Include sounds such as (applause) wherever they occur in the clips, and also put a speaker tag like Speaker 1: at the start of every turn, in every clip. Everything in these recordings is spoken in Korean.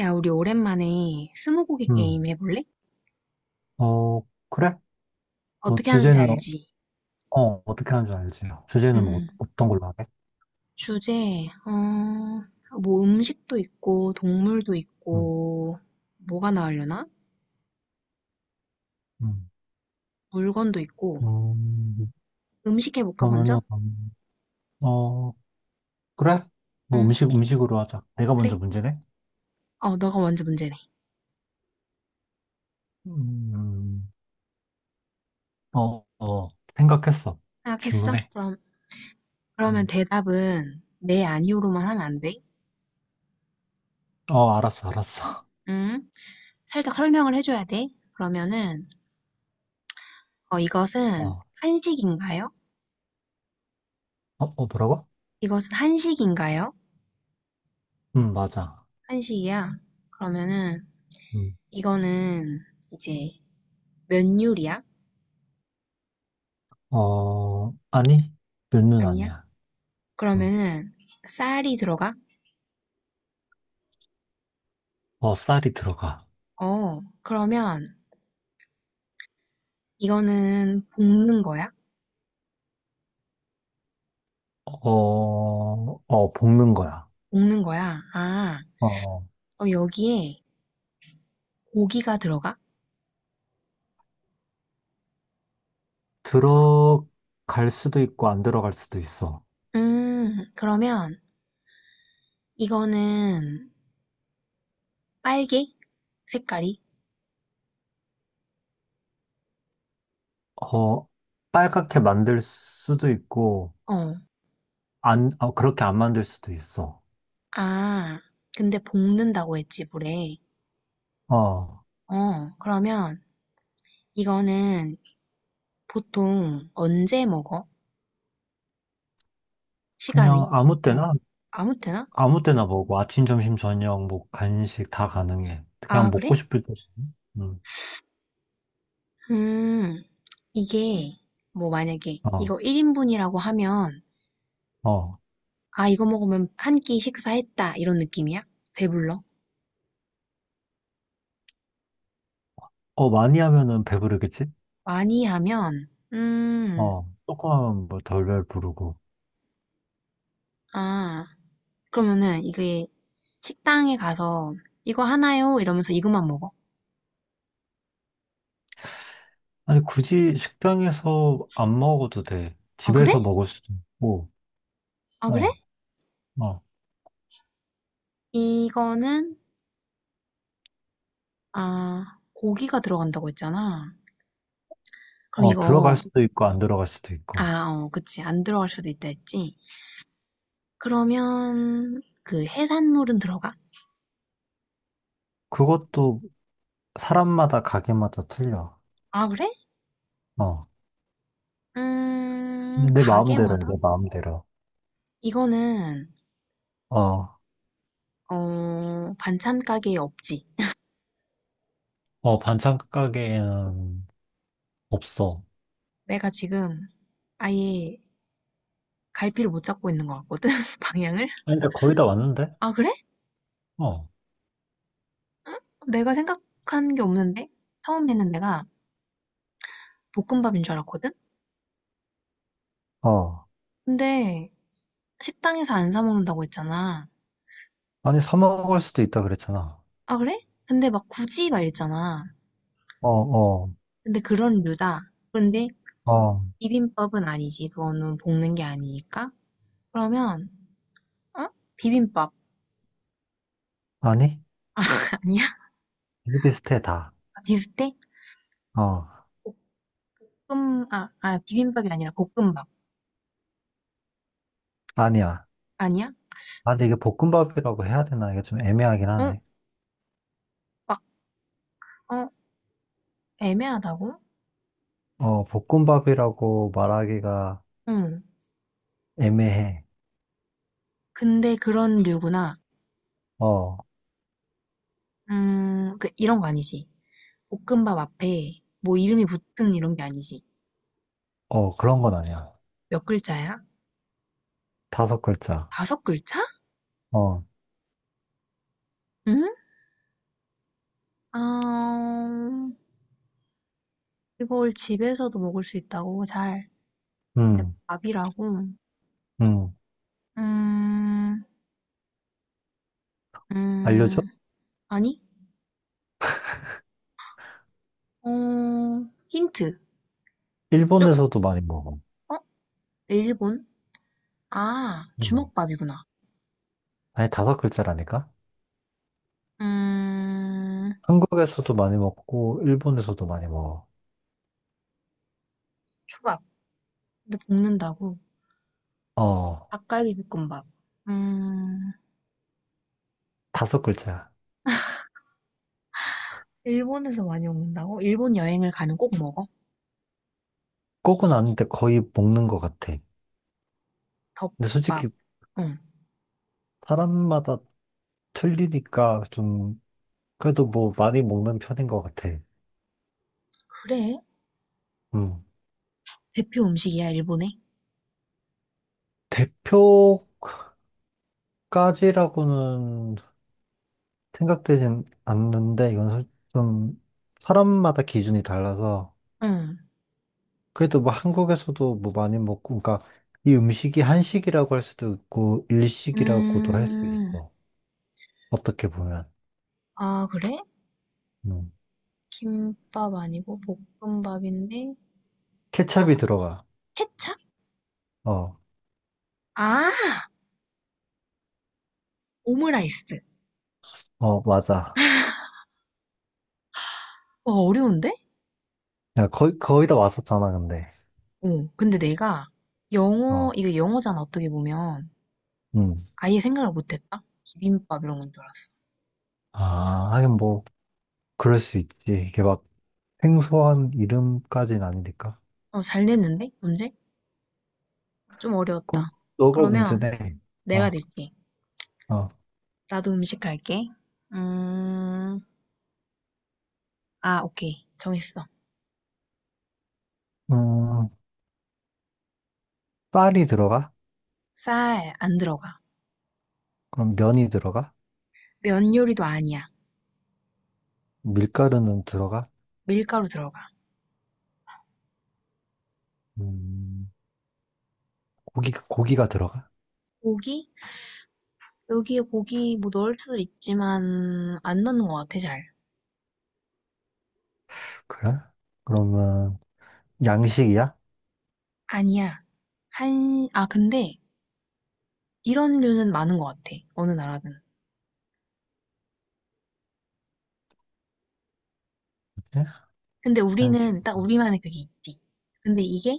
Speaker 1: 야, 우리 오랜만에 스무고개 게임
Speaker 2: 음.
Speaker 1: 해볼래?
Speaker 2: 어, 그래? 뭐,
Speaker 1: 어떻게 하는지
Speaker 2: 주제는,
Speaker 1: 알지?
Speaker 2: 떻게 하는 줄 알지? 주제는 뭐,
Speaker 1: 응응.
Speaker 2: 어떤 걸로 하게?
Speaker 1: 주제, 어, 뭐 음식도 있고, 동물도
Speaker 2: 음,
Speaker 1: 있고, 뭐가 나오려나?
Speaker 2: 음.
Speaker 1: 물건도 있고.
Speaker 2: 음,
Speaker 1: 음식 해볼까, 먼저?
Speaker 2: 그러면은, 어, 그래? 뭐,
Speaker 1: 응,
Speaker 2: 음식으로 하자. 내가 먼저
Speaker 1: 그래.
Speaker 2: 문제네?
Speaker 1: 어, 너가 먼저 문제네.
Speaker 2: 음, 어, 어, 생각했어.
Speaker 1: 생각했어?
Speaker 2: 질문해.
Speaker 1: 그럼, 그러면
Speaker 2: 음.
Speaker 1: 대답은 네, 아니오로만 하면 안 돼?
Speaker 2: 알았어, 알았어.
Speaker 1: 응? 살짝 설명을 해줘야 돼. 그러면은, 어,
Speaker 2: 어,
Speaker 1: 이것은
Speaker 2: 어,
Speaker 1: 한식인가요?
Speaker 2: 뭐라고?
Speaker 1: 이것은 한식인가요?
Speaker 2: 맞아.
Speaker 1: 한식이야. 그러면은,
Speaker 2: 음,
Speaker 1: 이거는 이제 면 요리야?
Speaker 2: 아니, 면은
Speaker 1: 아니야?
Speaker 2: 아니야. 음,
Speaker 1: 그러면은 쌀이 들어가?
Speaker 2: 쌀이 들어가.
Speaker 1: 어, 그러면 이거는 볶는 거야?
Speaker 2: 어, 어, 볶는 거야.
Speaker 1: 볶는 거야? 아,
Speaker 2: 어, 어.
Speaker 1: 어, 여기에 고기가 들어가?
Speaker 2: 들어갈 수도 있고 안 들어갈 수도 있어.
Speaker 1: 그러면 이거는 빨개? 색깔이?
Speaker 2: 어, 빨갛게 만들 수도 있고
Speaker 1: 어,
Speaker 2: 안 어, 그렇게 안 만들 수도 있어.
Speaker 1: 아, 근데 볶는다고 했지, 물에.
Speaker 2: 어,
Speaker 1: 어, 그러면 이거는 보통 언제 먹어? 시간이?
Speaker 2: 그냥 아무
Speaker 1: 어,
Speaker 2: 때나.
Speaker 1: 아무 때나?
Speaker 2: 아무 때나 먹어. 아침, 점심, 저녁, 뭐 간식 다 가능해.
Speaker 1: 아,
Speaker 2: 그냥
Speaker 1: 그래?
Speaker 2: 먹고 싶을 때. 음,
Speaker 1: 음, 이게, 뭐, 만약에,
Speaker 2: 어,
Speaker 1: 이거 1인분이라고 하면,
Speaker 2: 어,
Speaker 1: 아, 이거 먹으면 한 끼 식사했다, 이런 느낌이야? 배불러?
Speaker 2: 어 많이 하면은 배부르겠지?
Speaker 1: 많이 하면, 음,
Speaker 2: 어, 조금 하면 뭐 덜덜 부르고.
Speaker 1: 아, 그러면은, 이게, 식당에 가서, 이거 하나요? 이러면서 이것만 먹어.
Speaker 2: 아니, 굳이 식당에서 안 먹어도 돼.
Speaker 1: 아, 그래?
Speaker 2: 집에서 먹을 수도 있고.
Speaker 1: 아, 그래?
Speaker 2: 어, 어.
Speaker 1: 이거는, 아, 고기가 들어간다고 했잖아. 그럼
Speaker 2: 어, 들어갈
Speaker 1: 이거,
Speaker 2: 수도 있고, 안 들어갈 수도 있고.
Speaker 1: 아, 어, 그치. 안 들어갈 수도 있다 했지. 그러면, 그 해산물은 들어가?
Speaker 2: 그것도 사람마다 가게마다 틀려.
Speaker 1: 아, 그래?
Speaker 2: 어. 근데 내 마음대로야,
Speaker 1: 가게마다?
Speaker 2: 내 마음대로.
Speaker 1: 이거는,
Speaker 2: 어,
Speaker 1: 어, 반찬 가게에 없지.
Speaker 2: 어, 반찬 가게에는 없어.
Speaker 1: 내가 지금 아예 갈피를 못 잡고 있는 것 같거든, (laughs) 방향을?
Speaker 2: 아니, 근데 거의 다 왔는데?
Speaker 1: 아, 그래?
Speaker 2: 어,
Speaker 1: 내가 생각한 게 없는데? 처음에는 내가 볶음밥인 줄 알았거든?
Speaker 2: 어.
Speaker 1: 근데 식당에서 안 사 먹는다고 했잖아.
Speaker 2: 아니, 사 먹을 수도 있다 그랬잖아.
Speaker 1: 아, 그래? 근데 막 굳이 막 이랬잖아.
Speaker 2: 어, 어,
Speaker 1: 근데 그런 류다. 그런데
Speaker 2: 어.
Speaker 1: 비빔밥은 아니지. 그거는 볶는 게 아니니까. 그러면, 어? 비빔밥
Speaker 2: 아니?
Speaker 1: (laughs) 아니야?
Speaker 2: 되게 비슷해, 다.
Speaker 1: 비슷해?
Speaker 2: 어,
Speaker 1: 볶음 아, 아 비빔밥이 아니라 볶음밥.
Speaker 2: 아니야.
Speaker 1: 아니야?
Speaker 2: 아, 근데 이게 볶음밥이라고 해야 되나? 이게 좀 애매하긴
Speaker 1: 어?
Speaker 2: 하네.
Speaker 1: 막, 어? 애매하다고?
Speaker 2: 어, 볶음밥이라고 말하기가
Speaker 1: 응.
Speaker 2: 애매해.
Speaker 1: 근데 그런 류구나.
Speaker 2: 어,
Speaker 1: 그, 이런 거 아니지. 볶음밥 앞에 뭐 이름이 붙은 이런 게 아니지.
Speaker 2: 어, 그런 건 아니야.
Speaker 1: 몇 글자야?
Speaker 2: 다섯 글자.
Speaker 1: 다섯 글자?
Speaker 2: 어,
Speaker 1: 응? 아, 이걸 집에서도 먹을 수 있다고, 잘. 근데
Speaker 2: 음,
Speaker 1: 밥이라고?
Speaker 2: 음.
Speaker 1: 음,
Speaker 2: 알려줘?
Speaker 1: 음, 아니? 어, 힌트. 좀,
Speaker 2: 일본에서도 많이 먹어.
Speaker 1: 어? 일본? 아,
Speaker 2: 음.
Speaker 1: 주먹밥이구나.
Speaker 2: 아니, 다섯 글자라니까?
Speaker 1: 음,
Speaker 2: 한국에서도 많이 먹고, 일본에서도 많이 먹어.
Speaker 1: 초밥. 근데 볶는다고?
Speaker 2: 어,
Speaker 1: 닭갈비 볶음밥. 음,
Speaker 2: 다섯 글자.
Speaker 1: 일본에서 많이 먹는다고? 일본 여행을 가면 꼭 먹어?
Speaker 2: 꼭은 아닌데 거의 먹는 것 같아. 근데
Speaker 1: 덮밥.
Speaker 2: 솔직히
Speaker 1: 응.
Speaker 2: 사람마다 틀리니까 좀, 그래도 뭐 많이 먹는 편인 것 같아.
Speaker 1: 그래?
Speaker 2: 음.
Speaker 1: 대표 음식이야, 일본에?
Speaker 2: 대표까지라고는 생각되진 않는데, 이건 좀 사람마다 기준이 달라서,
Speaker 1: 응.
Speaker 2: 그래도 뭐 한국에서도 뭐 많이 먹고, 그러니까 이 음식이 한식이라고 할 수도 있고, 일식이라고도 할 수
Speaker 1: 음,
Speaker 2: 있어. 어떻게 보면.
Speaker 1: 아, 그래?
Speaker 2: 음.
Speaker 1: 김밥 아니고 볶음밥인데? 아,
Speaker 2: 케첩이 들어가.
Speaker 1: 케찹?
Speaker 2: 어,
Speaker 1: 아, 오므라이스.
Speaker 2: 어, 맞아.
Speaker 1: 와, 어려운데?
Speaker 2: 야, 거의 다 왔었잖아, 근데.
Speaker 1: 어, 근데 내가 영어,
Speaker 2: 어,
Speaker 1: 이거 영어잖아, 어떻게 보면.
Speaker 2: 음.
Speaker 1: 아예 생각을 못했다? 비빔밥 이런 건 줄 알았어.
Speaker 2: 아, 하긴 뭐, 그럴 수 있지. 이게 막 생소한 이름까지는 아니니까.
Speaker 1: 어, 잘 냈는데? 문제? 좀 어려웠다.
Speaker 2: 그럼 너가
Speaker 1: 그러면
Speaker 2: 문제네.
Speaker 1: 내가
Speaker 2: 어,
Speaker 1: 낼게.
Speaker 2: 어.
Speaker 1: 나도 음식 할게. 음, 아, 오케이. 정했어.
Speaker 2: 음, 쌀이 들어가?
Speaker 1: 쌀 안 들어가.
Speaker 2: 그럼 면이 들어가?
Speaker 1: 면 요리도 아니야.
Speaker 2: 밀가루는 들어가?
Speaker 1: 밀가루 들어가.
Speaker 2: 음, 고기가 들어가?
Speaker 1: 고기? 여기에 고기 뭐 넣을 수도 있지만 안 넣는 것 같아, 잘.
Speaker 2: 그래? 그러면 양식이야?
Speaker 1: 아니야. 한, 아, 근데 이런 류는 많은 것 같아. 어느 나라든.
Speaker 2: 뭐지?
Speaker 1: 근데
Speaker 2: 한식.
Speaker 1: 우리는 딱 우리만의 그게 있지. 근데 이게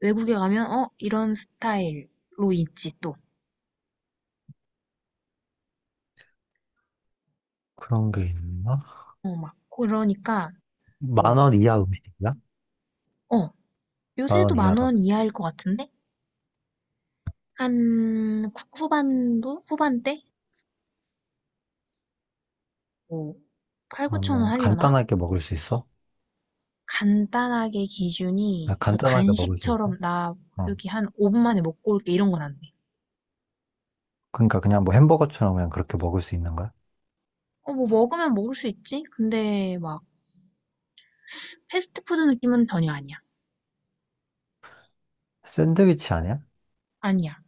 Speaker 1: 외국에 가면, 어, 이런 스타일로 있지, 또.
Speaker 2: 그런 게 있나?
Speaker 1: 어, 막, 그러니까,
Speaker 2: 만
Speaker 1: 뭐,
Speaker 2: 원 이하 음식이야?
Speaker 1: 어,
Speaker 2: 만
Speaker 1: 요새도
Speaker 2: 원
Speaker 1: 만
Speaker 2: 이하라고.
Speaker 1: 원 이하일 것 같은데? 한, 후반도? 후반대? 뭐, 8, 9천 원
Speaker 2: 그러면
Speaker 1: 하려나?
Speaker 2: 간단하게 먹을 수 있어?
Speaker 1: 간단하게
Speaker 2: 아,
Speaker 1: 기준이, 뭐,
Speaker 2: 간단하게 먹을 수
Speaker 1: 간식처럼,
Speaker 2: 있어?
Speaker 1: 나,
Speaker 2: 어.
Speaker 1: 여기 한 5분 만에 먹고 올게, 이런 건 안 돼.
Speaker 2: 그러니까 그냥 뭐 햄버거처럼 그냥 그렇게 먹을 수 있는 거야?
Speaker 1: 어, 뭐, 먹으면 먹을 수 있지? 근데, 막, 패스트푸드 느낌은 전혀 아니야.
Speaker 2: 샌드위치 아니야?
Speaker 1: 아니야.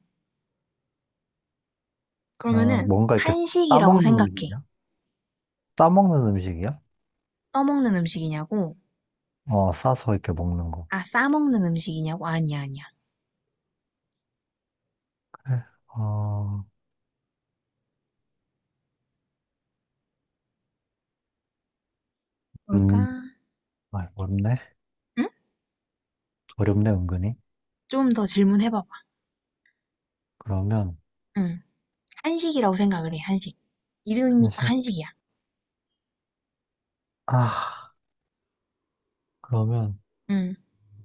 Speaker 2: 그러면
Speaker 1: 그러면은,
Speaker 2: 뭔가 이렇게
Speaker 1: 한식이라고
Speaker 2: 싸먹는
Speaker 1: 생각해.
Speaker 2: 음식이야? 싸먹는 음식이야?
Speaker 1: 떠먹는 음식이냐고?
Speaker 2: 어, 싸서 이렇게 먹는 거.
Speaker 1: 아, 싸먹는 음식이냐고? 아니야, 아니야.
Speaker 2: 그래.
Speaker 1: 뭘까?
Speaker 2: 음, 아, 어렵네.
Speaker 1: 응?
Speaker 2: 어렵네, 은근히.
Speaker 1: 좀 더 질문해봐봐.
Speaker 2: 그러면,
Speaker 1: 응. 한식이라고 생각을 해, 한식. 이름이 딱
Speaker 2: 한식.
Speaker 1: 한식이야.
Speaker 2: 아, 그러면.
Speaker 1: 응.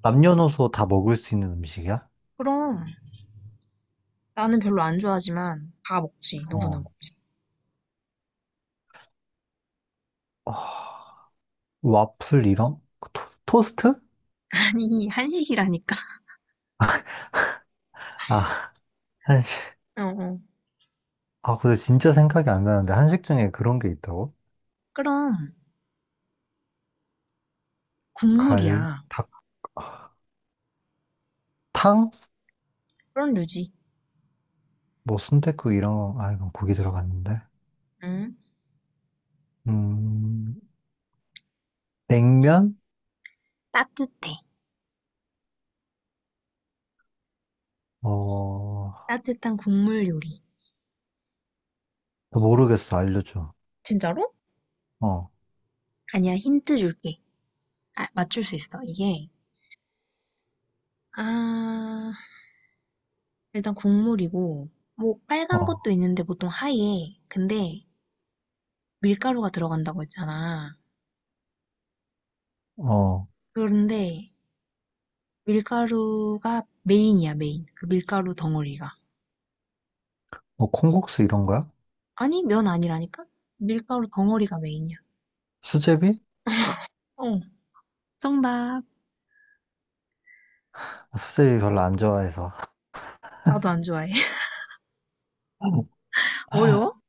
Speaker 2: 남녀노소 다 먹을 수 있는 음식이야?
Speaker 1: 그럼 나는 별로 안 좋아하지만 다 먹지, 누구나
Speaker 2: 어.
Speaker 1: 먹지.
Speaker 2: 아, 와플 이런? 그 토, 스트.
Speaker 1: 아니, 한식이라니까.
Speaker 2: 아, (laughs) 한식.
Speaker 1: (laughs) 어, 어.
Speaker 2: 아, 근데 진짜 생각이 안 나는데 한식 중에 그런 게 있다고?
Speaker 1: 그럼
Speaker 2: 갈,
Speaker 1: 국물이야.
Speaker 2: 닭, 아, 탕?
Speaker 1: 그런 류지.
Speaker 2: 뭐 순댓국 이런 거, 아, 이건 고기 들어갔는데.
Speaker 1: 응.
Speaker 2: 음, 냉면?
Speaker 1: 따뜻해.
Speaker 2: 어,
Speaker 1: 따뜻한 국물 요리.
Speaker 2: 모르겠어. 알려줘.
Speaker 1: 진짜로?
Speaker 2: 어,
Speaker 1: 아니야, 힌트 줄게. 아, 맞출 수 있어. 이게 아, 일단 국물이고 뭐 빨간
Speaker 2: 어,
Speaker 1: 것도 있는데 보통 하얘. 근데 밀가루가 들어간다고 했잖아.
Speaker 2: 어.
Speaker 1: 그런데 밀가루가 메인이야, 메인. 그 밀가루 덩어리가.
Speaker 2: 뭐 콩국수 이런 거야?
Speaker 1: 아니, 면 아니라니까? 밀가루 덩어리가 메인이야.
Speaker 2: 수제비?
Speaker 1: 어, 정답.
Speaker 2: 아, 수제비 별로 안 좋아해서.
Speaker 1: 나도 안 좋아해. (laughs)
Speaker 2: (laughs)
Speaker 1: 어려워?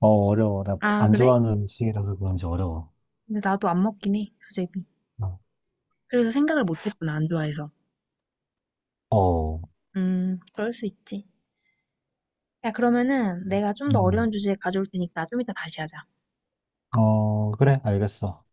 Speaker 2: 어, 어려워. 나
Speaker 1: 아,
Speaker 2: 안
Speaker 1: 그래?
Speaker 2: 좋아하는 음식이라서 그런지 어려워.
Speaker 1: 근데 나도 안 먹긴 해, 수제비.
Speaker 2: 어,
Speaker 1: 그래서 생각을 못 했구나, 안 좋아해서.
Speaker 2: 어,
Speaker 1: 그럴 수 있지. 야, 그러면은 내가 좀 더 어려운
Speaker 2: 음,
Speaker 1: 주제 가져올 테니까 좀 이따 다시 하자.
Speaker 2: 어, 그래, 알겠어.